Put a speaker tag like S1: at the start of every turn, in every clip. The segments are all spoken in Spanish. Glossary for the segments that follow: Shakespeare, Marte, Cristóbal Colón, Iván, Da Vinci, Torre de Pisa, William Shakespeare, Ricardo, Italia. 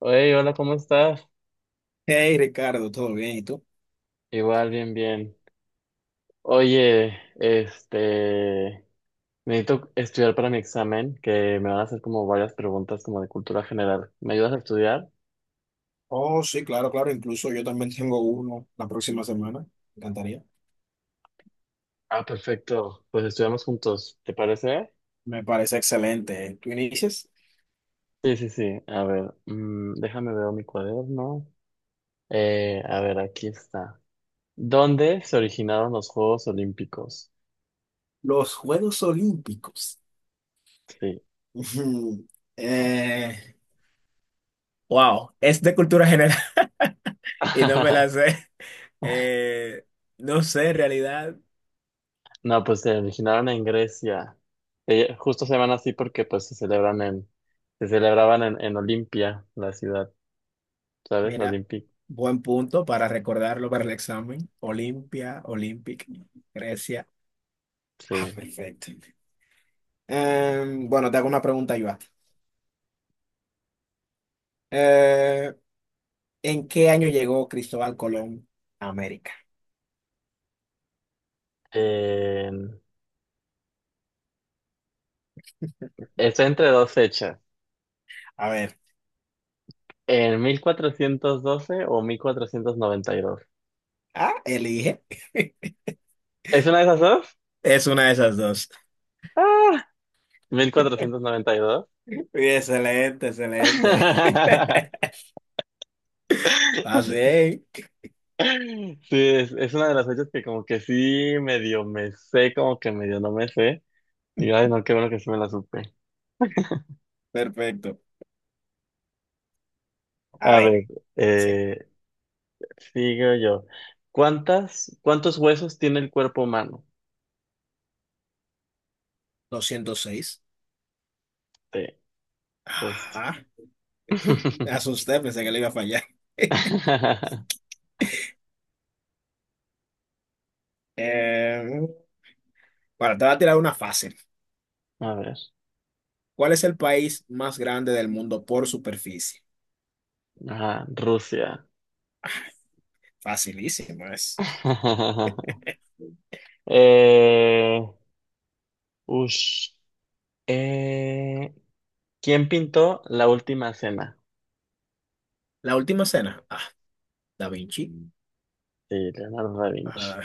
S1: Oye, hola, ¿cómo estás?
S2: Hey Ricardo, ¿todo bien? ¿Y tú?
S1: Igual, bien, bien. Oye, necesito estudiar para mi examen, que me van a hacer como varias preguntas como de cultura general. ¿Me ayudas a estudiar?
S2: Oh, sí, claro, claro. Incluso yo también tengo uno la próxima semana. Me encantaría.
S1: Ah, perfecto. Pues estudiamos juntos, ¿te parece?
S2: Me parece excelente. ¿Tú inicias?
S1: Sí, sí, sí. A ver, déjame ver mi cuaderno. A ver, aquí está. ¿Dónde se originaron los Juegos Olímpicos?
S2: Los Juegos Olímpicos.
S1: Sí.
S2: Ujú. Eh, wow, es de cultura general y no me la sé. Eh, no sé, en realidad,
S1: No, pues se originaron en Grecia. Justo se llaman así porque se celebraban en Olimpia, la ciudad, ¿sabes?
S2: mira,
S1: Olympic,
S2: buen punto para recordarlo para el examen. Olimpia, Olympic, Grecia. Ah,
S1: sí.
S2: perfecto. Bueno, te hago una pregunta, Iván. ¿En qué año llegó Cristóbal Colón a América?
S1: En- Está entre dos fechas,
S2: A ver,
S1: en 1412 o 1492.
S2: ah, elige.
S1: ¿Es una de esas dos?
S2: Es una de esas dos.
S1: ¡Ah! 1492.
S2: Muy excelente, excelente. Así, es.
S1: Sí, es una de las fechas que como que sí medio me sé, como que medio no me sé. Y ay, no, qué bueno que sí me la supe.
S2: Perfecto. A
S1: A ver,
S2: ver, sí,
S1: eh, sigo yo. ¿Cuántos huesos tiene el cuerpo humano?
S2: 206.
S1: Sí, justo.
S2: Ah, me asusté, pensé que le iba a fallar. Eh, bueno, te voy a tirar una fácil.
S1: A ver.
S2: ¿Cuál es el país más grande del mundo por superficie?
S1: Ajá, Rusia.
S2: Facilísimo es.
S1: Eh, ush. Eh, ¿Quién pintó la última cena?
S2: La última cena. Ah, Da Vinci.
S1: Sí, Leonardo da Vinci.
S2: Ah,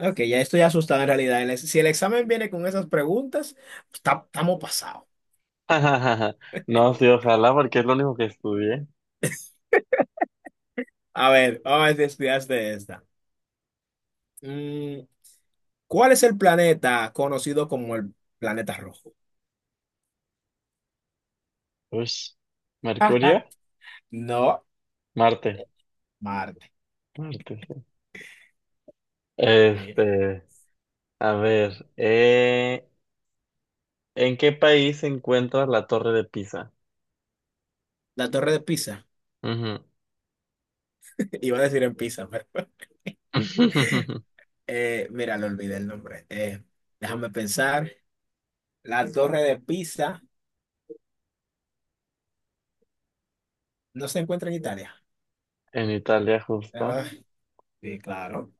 S2: ok, ya estoy asustado en realidad. Si el examen viene con esas preguntas, estamos pasados.
S1: No, sí, ojalá, porque es lo único que estudié.
S2: A ver, vamos a ver si estudiaste esta. Mm, ¿cuál es el planeta conocido como el planeta rojo?
S1: Ush. ¿Mercurio?
S2: No,
S1: Marte.
S2: Marte.
S1: Marte, sí.
S2: Sí.
S1: Este, a ver. ¿En qué país se encuentra la Torre de Pisa?
S2: La Torre de Pisa.
S1: Ujú.
S2: Iba a decir en Pisa, pero mira, le olvidé el nombre. Déjame pensar. La Torre de Pisa no se encuentra en Italia.
S1: En Italia,
S2: Ah,
S1: justo.
S2: sí, claro.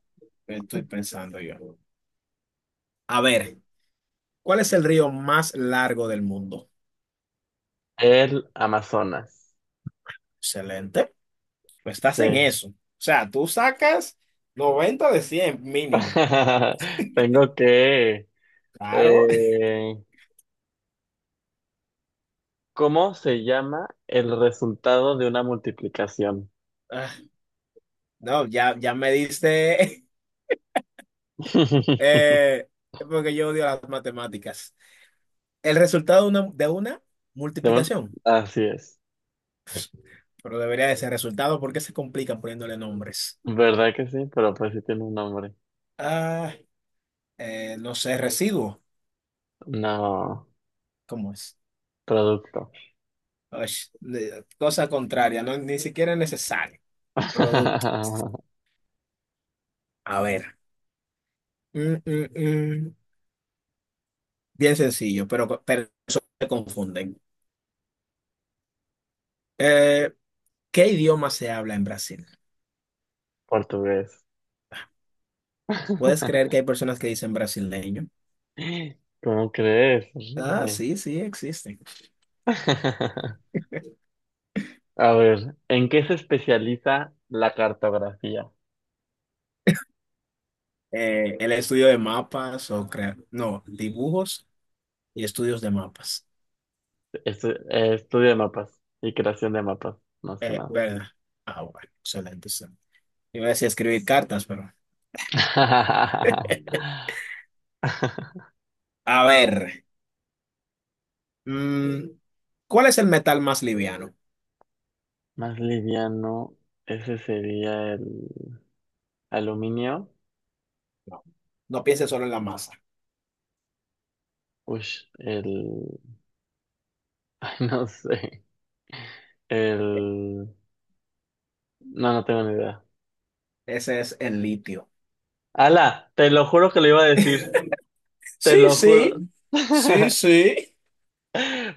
S2: Estoy pensando yo. A ver, ¿cuál es el río más largo del mundo?
S1: El Amazonas.
S2: Excelente. Pues estás en
S1: Sí.
S2: eso. O sea, tú sacas 90 de 100 mínimo.
S1: Tengo que...
S2: Claro.
S1: eh, ¿cómo se llama el resultado de una multiplicación?
S2: Ah, no, ya, ya me diste, eh, porque yo odio las matemáticas. El resultado de una
S1: De un-
S2: multiplicación,
S1: Así es.
S2: pero debería de ser resultado porque se complican poniéndole nombres.
S1: ¿Verdad que sí? Pero pues sí tiene un nombre.
S2: Ah, no sé, residuo.
S1: No,
S2: ¿Cómo es?
S1: producto.
S2: Osh, cosa contraria, no, ni siquiera es necesario. Producto. A ver. Mm, mm, mm. Bien sencillo, pero personas se confunden. Eh, ¿Qué idioma se habla en Brasil?
S1: Portugués.
S2: ¿Puedes creer que hay personas que dicen brasileño?
S1: ¿Cómo crees?
S2: Ah,
S1: Horrible.
S2: sí, sí, existen.
S1: A ver, ¿en qué se especializa la cartografía?
S2: El estudio de mapas o crear, no, dibujos y estudios de mapas.
S1: Estudio de mapas y creación de mapas, más que nada.
S2: ¿Verdad? Ah, bueno, excelente. Sí. Iba a decir escribir cartas, pero. A ver, mm, ¿cuál es el metal más liviano?
S1: Más liviano, ese sería el aluminio.
S2: No, no pienses solo en la masa.
S1: Ush, el... ay, no sé. El... No, no tengo ni idea.
S2: Ese es el litio.
S1: Ala, te lo juro que lo iba a decir. Te
S2: Sí,
S1: lo juro.
S2: sí, sí, sí.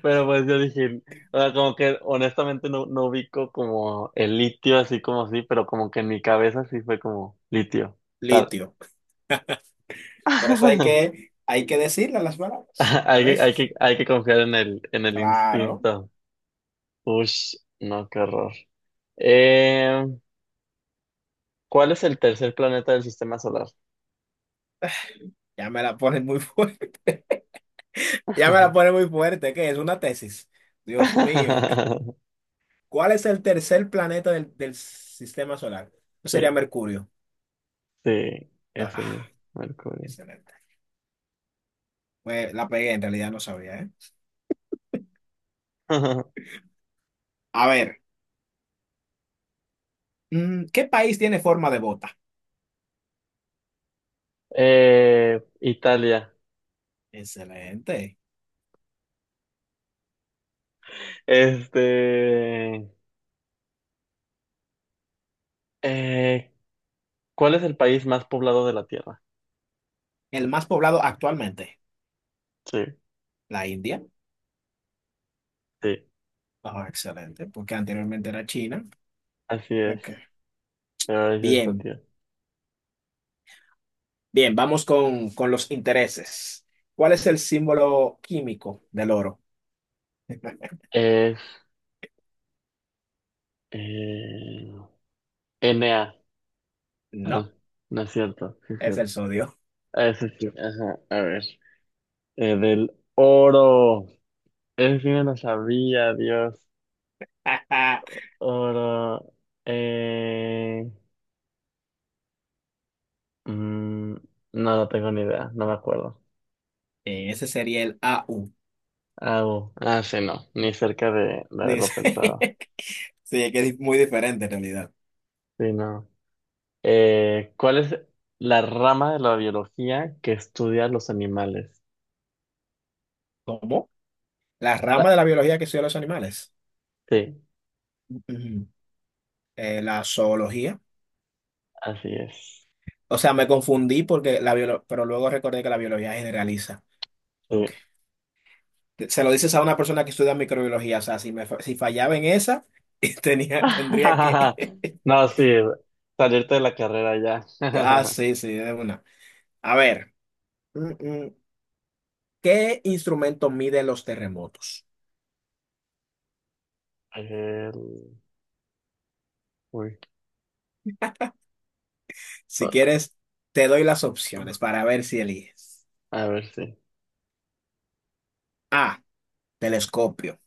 S1: Pero pues yo dije, o sea, como que honestamente no ubico como el litio así como así, pero como que en mi cabeza sí fue como litio, tal.
S2: Litio. Por eso hay que, hay que decirle las palabras. A
S1: Hay que,
S2: veces.
S1: hay que confiar en en el
S2: Claro.
S1: instinto. Ush, no, qué horror. Eh, ¿Cuál es el tercer planeta del sistema solar?
S2: Ya me la ponen muy fuerte. Ya me la ponen muy fuerte. ¿Qué es? Una tesis. Dios mío. ¿Cuál es el tercer planeta del sistema solar? Eso sería
S1: Sí,
S2: Mercurio.
S1: sí, es
S2: Ah,
S1: el Mercurio.
S2: excelente. Pues la pegué, en realidad no sabía, ¿eh? A ver, mm, ¿qué país tiene forma de bota?
S1: Italia.
S2: Excelente.
S1: Este, eh, ¿Cuál es el país más poblado de la Tierra?
S2: El más poblado actualmente.
S1: Sí,
S2: La India.
S1: sí,
S2: Ah, excelente, porque anteriormente era China.
S1: así
S2: Ok.
S1: es. Pero es esta,
S2: Bien.
S1: tío.
S2: Bien, vamos con los intereses. ¿Cuál es el símbolo químico del oro?
S1: Es eh, Enea.
S2: No,
S1: Ah, no es cierto, sí es
S2: es
S1: cierto.
S2: el sodio.
S1: Ah, eso sí, ajá, a ver. Del oro. Eso sí me lo sabía, Dios. Oro. Eh, mm, no, no tengo ni idea, no me acuerdo.
S2: Ese sería el AU.
S1: Ah, ah, sí, no, ni cerca de la de lo
S2: Dice.
S1: pensado.
S2: Sí, es que es muy diferente en realidad.
S1: Sí, no. ¿Cuál es la rama de la biología que estudia los animales?
S2: ¿Cómo? La
S1: La-
S2: rama de la biología que estudia los animales.
S1: sí,
S2: Ujú. La zoología.
S1: así es.
S2: O sea, me confundí porque la pero luego recordé que la biología generaliza. Ok.
S1: Sí.
S2: Se lo dices a una persona que estudia microbiología. O sea, si fallaba en esa, tendría que...
S1: No, sí, salirte de la carrera ya.
S2: Ah, sí, sí, de una. A ver, mm, mm, ¿qué instrumento mide los terremotos?
S1: El- uy,
S2: Si quieres, te doy las opciones para ver si eliges.
S1: a ver, sí.
S2: A, telescopio.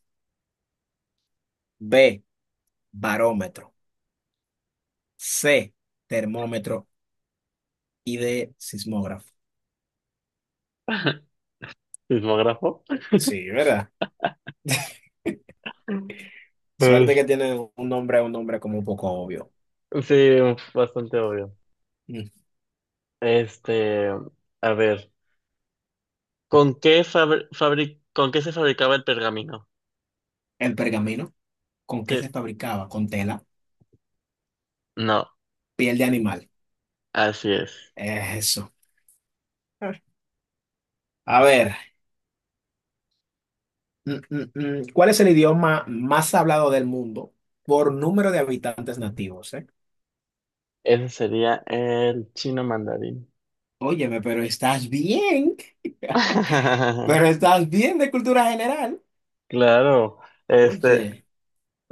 S2: B, barómetro. C, termómetro. Y D, sismógrafo.
S1: ¿Sismógrafo?
S2: Sí, ¿verdad? Suerte que
S1: Es-
S2: tiene un nombre como un poco obvio.
S1: Sí, bastante obvio.
S2: Mm.
S1: Este, a ver, ¿con qué con qué se fabricaba el pergamino?
S2: El pergamino, ¿con qué
S1: Sí,
S2: se fabricaba? Con tela,
S1: no,
S2: piel de animal.
S1: así es.
S2: Eso. Ah. A ver. Mm. ¿Cuál es el idioma más hablado del mundo por número de habitantes nativos, eh?
S1: Ese sería el chino mandarín.
S2: Óyeme, pero estás bien, pero estás bien de cultura general.
S1: Claro, este,
S2: Oye,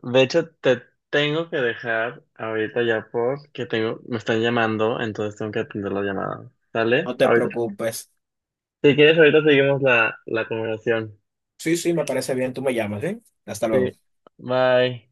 S1: de hecho te tengo que dejar ahorita ya porque tengo, me están llamando, entonces tengo que atender la llamada.
S2: no
S1: ¿Sale?
S2: te
S1: Ahorita,
S2: preocupes.
S1: si quieres, ahorita seguimos la conversación.
S2: Sí, sí, me parece bien, tú me llamas, ¿eh? Hasta luego.
S1: Sí, bye.